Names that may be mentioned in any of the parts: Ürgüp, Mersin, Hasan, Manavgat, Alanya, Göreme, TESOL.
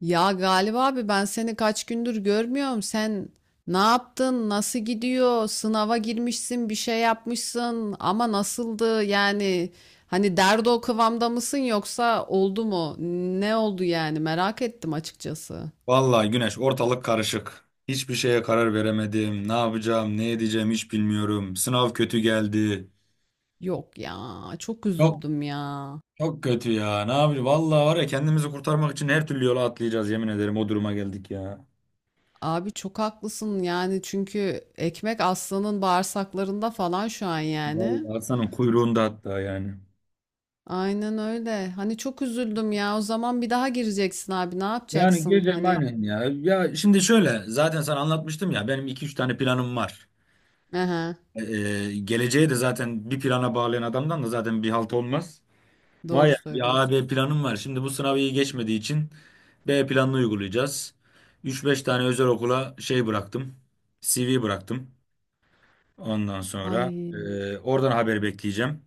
Ya galiba abi ben seni kaç gündür görmüyorum. Sen ne yaptın? Nasıl gidiyor? Sınava girmişsin, bir şey yapmışsın ama nasıldı? Yani hani derdi o kıvamda mısın yoksa oldu mu? Ne oldu yani? Merak ettim açıkçası. Vallahi Güneş ortalık karışık. Hiçbir şeye karar veremedim. Ne yapacağım, ne edeceğim hiç bilmiyorum. Sınav kötü geldi. Yok ya, çok Çok üzüldüm ya. çok kötü ya. Ne yapacağız? Vallahi var ya kendimizi kurtarmak için her türlü yola atlayacağız yemin ederim. O duruma geldik ya. Abi çok haklısın yani çünkü ekmek aslanın bağırsaklarında falan şu an yani. Vallahi Hasan'ın kuyruğunda hatta yani. Aynen öyle. Hani çok üzüldüm ya. O zaman bir daha gireceksin abi. Ne Yani yapacaksın? gireceğim Hani. aynen ya. Ya şimdi şöyle zaten sana anlatmıştım ya benim iki üç tane planım var. Hı. Ee, geleceğe de zaten bir plana bağlayan adamdan da zaten bir halt olmaz. Vay Doğru ya, bir A, söylüyorsun. B planım var. Şimdi bu sınavı iyi geçmediği için B planını uygulayacağız. Üç beş tane özel okula şey bıraktım. CV bıraktım. Ondan sonra Ay, oradan haber bekleyeceğim.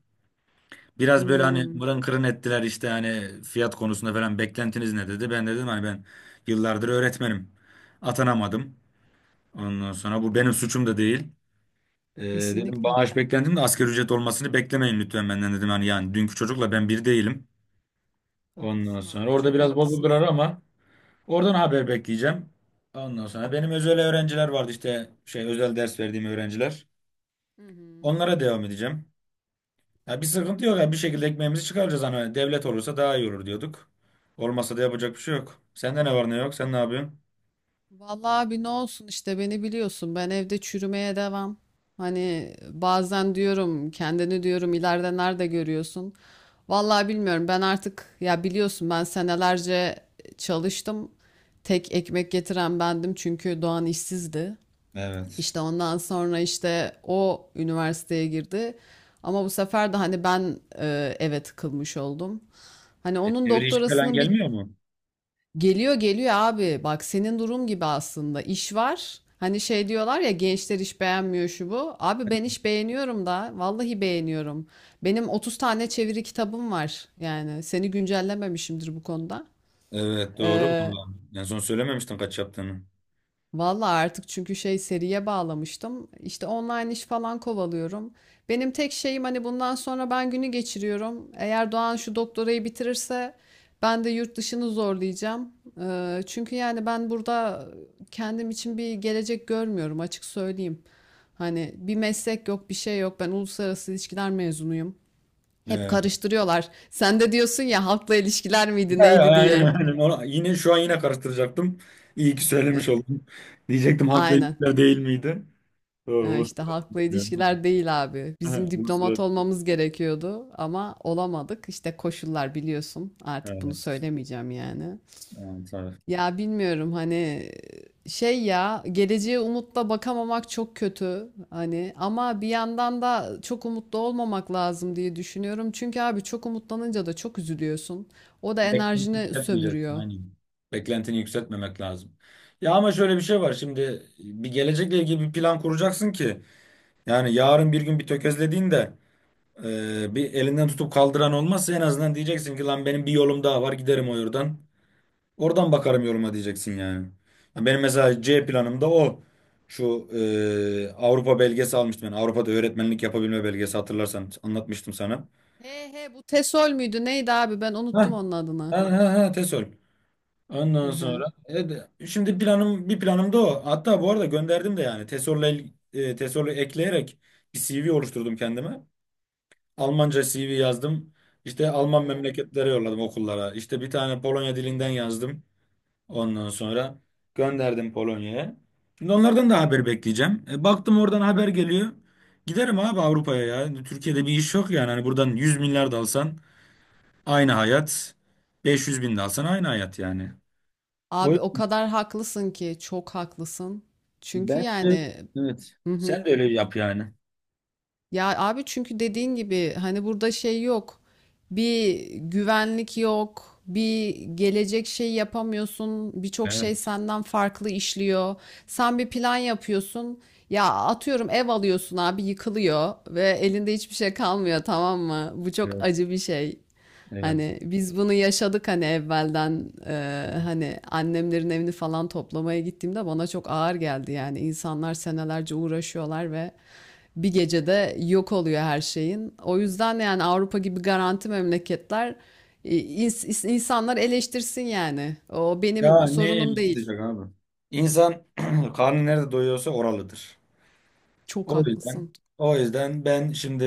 Biraz böyle hani ımm, mırın kırın ettiler işte hani fiyat konusunda falan beklentiniz ne dedi. Ben de dedim hani ben yıllardır öğretmenim. Atanamadım. Ondan sonra bu benim suçum da değil. E, dedim kesinlikle. bağış beklentim de asgari ücret olmasını beklemeyin lütfen benden dedim. Hani yani dünkü çocukla ben bir değilim. Ondan Haklısın sonra abi, orada çok biraz haklısın. bozuldular ama oradan haber bekleyeceğim. Ondan sonra benim özel öğrenciler vardı işte şey özel ders verdiğim öğrenciler. Hı hı. Onlara devam edeceğim. Ya bir sıkıntı yok ya bir şekilde ekmeğimizi çıkaracağız hani devlet olursa daha iyi olur diyorduk. Olmasa da yapacak bir şey yok. Sende ne var ne yok? Sen ne yapıyorsun? Vallahi abi ne olsun işte beni biliyorsun. Ben evde çürümeye devam. Hani bazen diyorum kendini diyorum ileride nerede görüyorsun? Vallahi bilmiyorum. Ben artık ya biliyorsun ben senelerce çalıştım. Tek ekmek getiren bendim çünkü Doğan işsizdi. Evet. İşte ondan sonra işte o üniversiteye girdi. Ama bu sefer de hani ben eve tıkılmış oldum. Hani E, onun çeviri işi falan doktorasının bir. gelmiyor mu? Geliyor, geliyor abi. Bak senin durum gibi aslında iş var. Hani şey diyorlar ya gençler iş beğenmiyor şu bu. Abi ben iş beğeniyorum da vallahi beğeniyorum. Benim 30 tane çeviri kitabım var. Yani seni güncellememişimdir bu konuda. Evet doğru. Ee, Vallahi. En son söylememiştin kaç yaptığını. Vallahi artık çünkü şey seriye bağlamıştım. İşte online iş falan kovalıyorum. Benim tek şeyim hani bundan sonra ben günü geçiriyorum. Eğer Doğan şu doktorayı bitirirse ben de yurt dışını zorlayacağım. Çünkü yani ben burada kendim için bir gelecek görmüyorum açık söyleyeyim. Hani bir meslek yok, bir şey yok. Ben uluslararası ilişkiler mezunuyum. Hep Evet. karıştırıyorlar. Sen de diyorsun ya halkla ilişkiler miydi, He, aynen neydi diye. aynen. Yine şu an yine karıştıracaktım. İyi ki söylemiş E, oldum. Diyecektim haklı Aynen. elitler değil miydi? Doğru, İşte uluslararası halkla elitler değil. ilişkiler değil abi. He, Bizim diplomat uluslararası. olmamız gerekiyordu ama olamadık. İşte koşullar biliyorsun. Artık bunu Evet. söylemeyeceğim yani. Evet, evet. Ya bilmiyorum hani şey ya geleceğe umutla bakamamak çok kötü hani ama bir yandan da çok umutlu olmamak lazım diye düşünüyorum. Çünkü abi çok umutlanınca da çok üzülüyorsun. O da Beklentini enerjini yükseltmeyeceksin. sömürüyor. Aynen. Beklentini yükseltmemek lazım. Ya ama şöyle bir şey var. Şimdi bir gelecekle ilgili bir plan kuracaksın ki yani yarın bir gün bir tökezlediğinde bir elinden tutup kaldıran olmazsa en azından diyeceksin ki lan benim bir yolum daha var giderim o yoldan. Oradan bakarım yoruma diyeceksin yani. Ya benim mesela Çok doğru. C planımda o. Şu Avrupa belgesi almıştım ben. Avrupa'da öğretmenlik yapabilme belgesi hatırlarsan anlatmıştım sana. He he, bu TESOL müydü? Neydi abi? Ben Heh, unuttum onun adını. ha ha ha TESOL. Hı Ondan hı. sonra şimdi planım bir planım da o. Hatta bu arada gönderdim de yani TESOL'la TESOL'ü ekleyerek bir CV oluşturdum kendime. Almanca CV yazdım. İşte Alman Oo, memleketlere yolladım okullara. İşte bir tane Polonya dilinden oo. yazdım. Ondan sonra gönderdim Polonya'ya. Şimdi onlardan da haber bekleyeceğim. Baktım oradan haber geliyor. Giderim abi Avrupa'ya ya. Türkiye'de bir iş yok yani. Hani buradan 100 milyar da alsan aynı hayat. 500 bin de alsan aynı hayat yani. O Abi o kadar haklısın ki çok haklısın. Çünkü bence yani. evet. Hı Sen hı. de öyle yap yani. Ya abi çünkü dediğin gibi hani burada şey yok. Bir güvenlik yok. Bir gelecek şey yapamıyorsun. Birçok şey Evet, senden farklı işliyor. Sen bir plan yapıyorsun. Ya atıyorum ev alıyorsun abi yıkılıyor ve elinde hiçbir şey kalmıyor, tamam mı? Bu çok evet, acı bir şey. evet. Hani biz bunu yaşadık, hani evvelden hani annemlerin evini falan toplamaya gittiğimde bana çok ağır geldi, yani insanlar senelerce uğraşıyorlar ve bir gecede yok oluyor her şeyin. O yüzden yani Avrupa gibi garanti memleketler e, insanlar eleştirsin yani. O Ya benim ne el sorunum değil. tutacak abi? İnsan karnı nerede doyuyorsa oralıdır. Çok O yüzden haklısın. o yüzden ben şimdi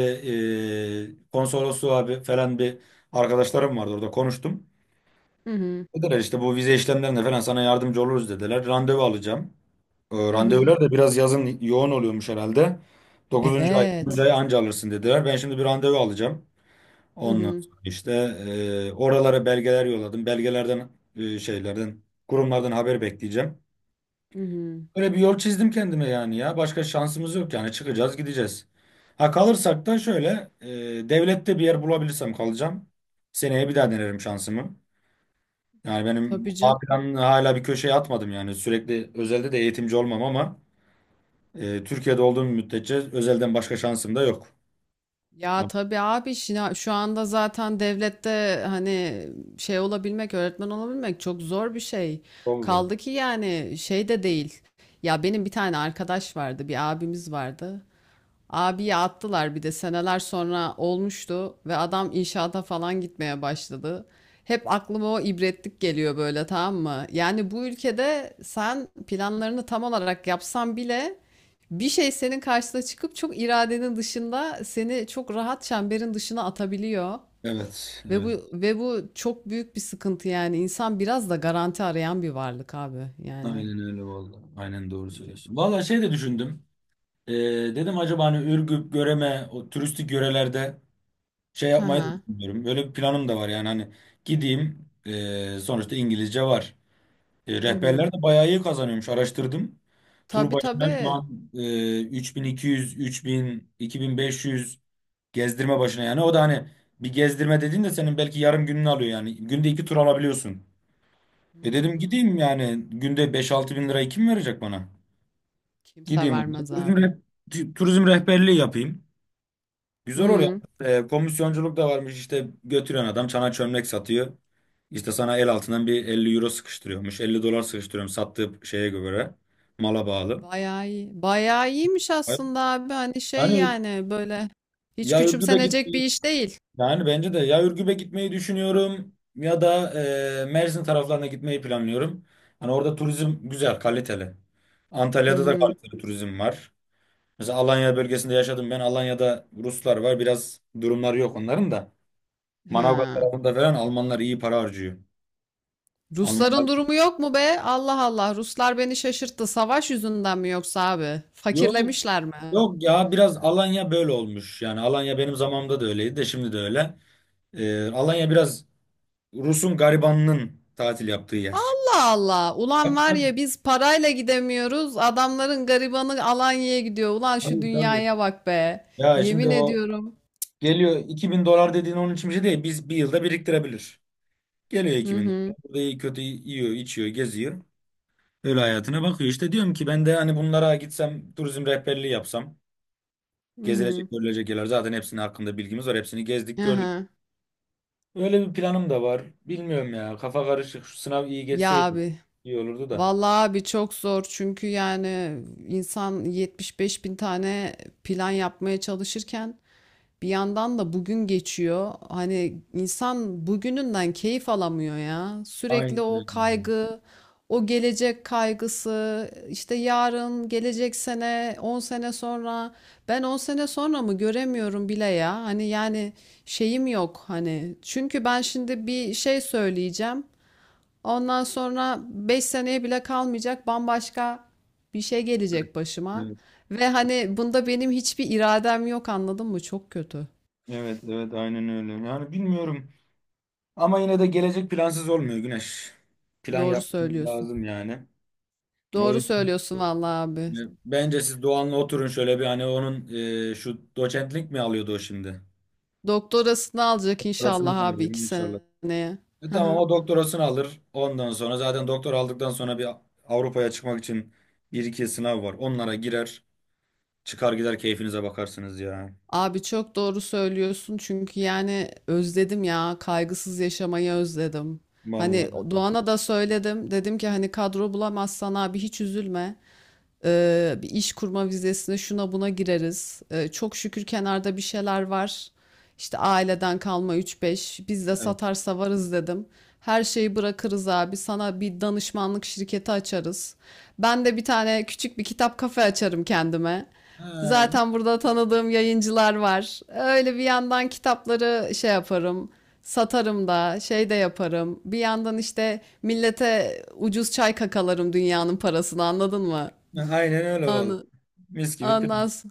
konsolosluğa bir, falan bir arkadaşlarım vardı orada konuştum. Hı hı, Dediler işte bu vize işlemlerinde falan sana yardımcı oluruz dediler. Randevu alacağım. E, hı hı. randevular da biraz yazın yoğun oluyormuş herhalde. Dokuzuncu ay dokuzuncu Evet. ay anca alırsın dediler. Ben şimdi bir randevu alacağım. Hı Ondan hı, sonra işte oralara belgeler yolladım. Belgelerden şeylerden kurumlardan haber bekleyeceğim. hı hı. Böyle bir yol çizdim kendime yani ya. Başka şansımız yok yani. Çıkacağız, gideceğiz. Ha kalırsak da şöyle devlette bir yer bulabilirsem kalacağım. Seneye bir daha denerim şansımı. Yani benim Tabii. bu A planını hala bir köşeye atmadım yani. Sürekli özelde de eğitimci olmam ama Türkiye'de olduğum müddetçe özelden başka şansım da yok. Ya Tamam. tabii abi, şu anda zaten devlette hani şey olabilmek, öğretmen olabilmek çok zor bir şey. Oldu abi. Kaldı ki yani şey de değil. Ya benim bir tane arkadaş vardı, bir abimiz vardı. Abiye attılar, bir de seneler sonra olmuştu ve adam inşaata falan gitmeye başladı. Hep aklıma o ibretlik geliyor böyle, tamam mı? Yani bu ülkede sen planlarını tam olarak yapsan bile bir şey senin karşına çıkıp çok iradenin dışında seni çok rahat çemberin dışına atabiliyor. Evet, Ve bu evet. ve bu çok büyük bir sıkıntı yani. İnsan biraz da garanti arayan bir varlık abi yani. Aynen öyle vallahi. Aynen doğru söylüyorsun. Vallahi şey de düşündüm. E, dedim acaba hani Ürgüp, Göreme, o turistik yörelerde şey Hı yapmayı da hı. düşünüyorum. Böyle bir planım da var yani hani gideyim sonuçta İngilizce var. E, Hı hı. rehberler de bayağı iyi kazanıyormuş araştırdım. Tur Tabii başına şu tabii. an 3200, 3000, 2500 gezdirme başına yani. O da hani bir gezdirme dediğin de senin belki yarım gününü alıyor yani. Günde iki tur alabiliyorsun. Dedim Hmm. gideyim yani günde 5-6 bin lirayı kim verecek bana? Kimse Gideyim orada. vermez Turizm, abi. reh- turizm rehberliği yapayım. Güzel oluyor. Hı. Komisyonculuk da varmış işte götürüyorsun adam çana çömlek satıyor. İşte sana el altından bir 50 euro sıkıştırıyormuş. 50 dolar sıkıştırıyorum sattığı şeye göre. Mala bağlı. Bayağı iyi. Bayağı iyiymiş aslında abi. Hani şey Hani yani böyle hiç ya Ürgüp'e git küçümsenecek bir iş değil. yani bence de ya Ürgüp'e gitmeyi düşünüyorum ya da Mersin taraflarına gitmeyi planlıyorum. Hani orada turizm güzel, kaliteli. Hı Antalya'da da hı. kaliteli turizm var. Mesela Alanya bölgesinde yaşadım ben. Alanya'da Ruslar var. Biraz durumları yok onların da. Manavgat Ha. tarafında falan Almanlar iyi para harcıyor. Almanlar Rusların durumu yok mu be? Allah Allah. Ruslar beni şaşırttı. Savaş yüzünden mi yoksa abi? yok Fakirlemişler mi? yok ya biraz Alanya böyle olmuş. Yani Alanya benim zamanımda da öyleydi de şimdi de öyle. Alanya biraz Rus'un garibanının tatil yaptığı yer. Allah Allah. Ulan var ya, Tabii biz parayla gidemiyoruz. Adamların garibanı Alanya'ya gidiyor. Ulan şu tabii. Tabii. dünyaya bak be. Ya şimdi Yemin o ediyorum. geliyor 2000 dolar dediğin onun için bir şey değil. Biz bir yılda biriktirebilir. Geliyor Hı 2000 dolar. hı. Burada iyi kötü yiyor, içiyor, geziyor. Öyle hayatına bakıyor. İşte diyorum ki ben de hani bunlara gitsem turizm rehberliği yapsam. Hı hı. Gezilecek, görülecek yerler zaten hepsinin hakkında bilgimiz var. Hepsini gezdik, gördük. Aha. Öyle bir planım da var. Bilmiyorum ya. Kafa karışık. Şu sınav iyi Ya geçseydi abi, iyi olurdu da. vallahi abi çok zor çünkü yani insan 75 bin tane plan yapmaya çalışırken bir yandan da bugün geçiyor. Hani insan bugününden keyif alamıyor ya. Sürekli Aynen o öyle, abi. kaygı, o gelecek kaygısı, işte yarın, gelecek sene, 10 sene sonra. Ben 10 sene sonra mı göremiyorum bile ya. Hani yani şeyim yok hani. Çünkü ben şimdi bir şey söyleyeceğim. Ondan sonra 5 seneye bile kalmayacak bambaşka bir şey gelecek başıma. Evet, Ve hani bunda benim hiçbir iradem yok, anladın mı? Çok kötü. evet, evet aynen öyle. Yani bilmiyorum. Ama yine de gelecek plansız olmuyor Güneş. Plan Doğru yapmamız söylüyorsun. lazım yani. O Doğru yüzden söylüyorsun vallahi abi. e, bence siz Doğan'la oturun şöyle bir hani onun şu doçentlik mi alıyordu o şimdi? Doktorasını alacak Doktorasını mı inşallah abi, alıyor 2 inşallah. seneye. E, Hı tamam hı. o doktorasını alır. Ondan sonra zaten doktor aldıktan sonra bir Avrupa'ya çıkmak için bir iki sınav var. Onlara girer. Çıkar gider keyfinize bakarsınız ya. Abi çok doğru söylüyorsun çünkü yani özledim ya, kaygısız yaşamayı özledim. Hani Vallahi. Doğan'a da söyledim, dedim ki hani kadro bulamazsan abi hiç üzülme. Bir iş kurma vizesine şuna buna gireriz. Çok şükür kenarda bir şeyler var. İşte aileden kalma üç beş, biz de Evet. satarsa varız dedim. Her şeyi bırakırız abi, sana bir danışmanlık şirketi açarız. Ben de bir tane küçük bir kitap kafe açarım kendime. Ha, Zaten burada tanıdığım yayıncılar var. Öyle bir yandan kitapları şey yaparım, satarım da, şey de yaparım. Bir yandan işte millete ucuz çay kakalarım dünyanın parasını, anladın mı? aynen öyle vallahi. Anı, Mis gibi pirinç. anlas.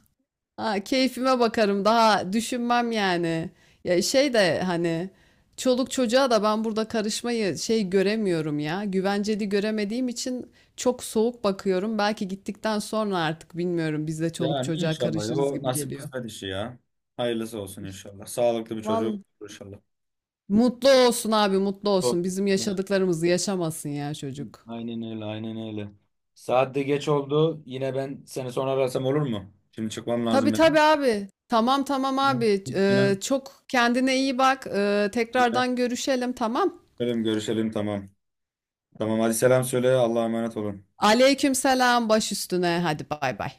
Ha, keyfime bakarım, daha düşünmem yani. Ya şey de hani çoluk çocuğa da ben burada karışmayı şey göremiyorum ya. Güvenceli göremediğim için çok soğuk bakıyorum. Belki gittikten sonra artık bilmiyorum, biz de çoluk Yani çocuğa inşallah ya, karışırız o gibi nasip geliyor. kısmet işi ya. Hayırlısı olsun inşallah. Sağlıklı bir çocuk Vallahi olur inşallah. mutlu olsun abi, mutlu Doğru. olsun. Bizim Evet. yaşadıklarımızı yaşamasın ya çocuk. Aynen öyle, aynen öyle. Saat de geç oldu. Yine ben seni sonra arasam olur mu? Şimdi çıkmam Tabii lazım tabii benim. abi. Tamam tamam abi. Yine Çok kendine iyi bak. Tekrardan görüşelim, tamam. görüşelim tamam. Tamam hadi selam söyle. Allah'a emanet olun. Aleykümselam, baş üstüne. Hadi bay bay.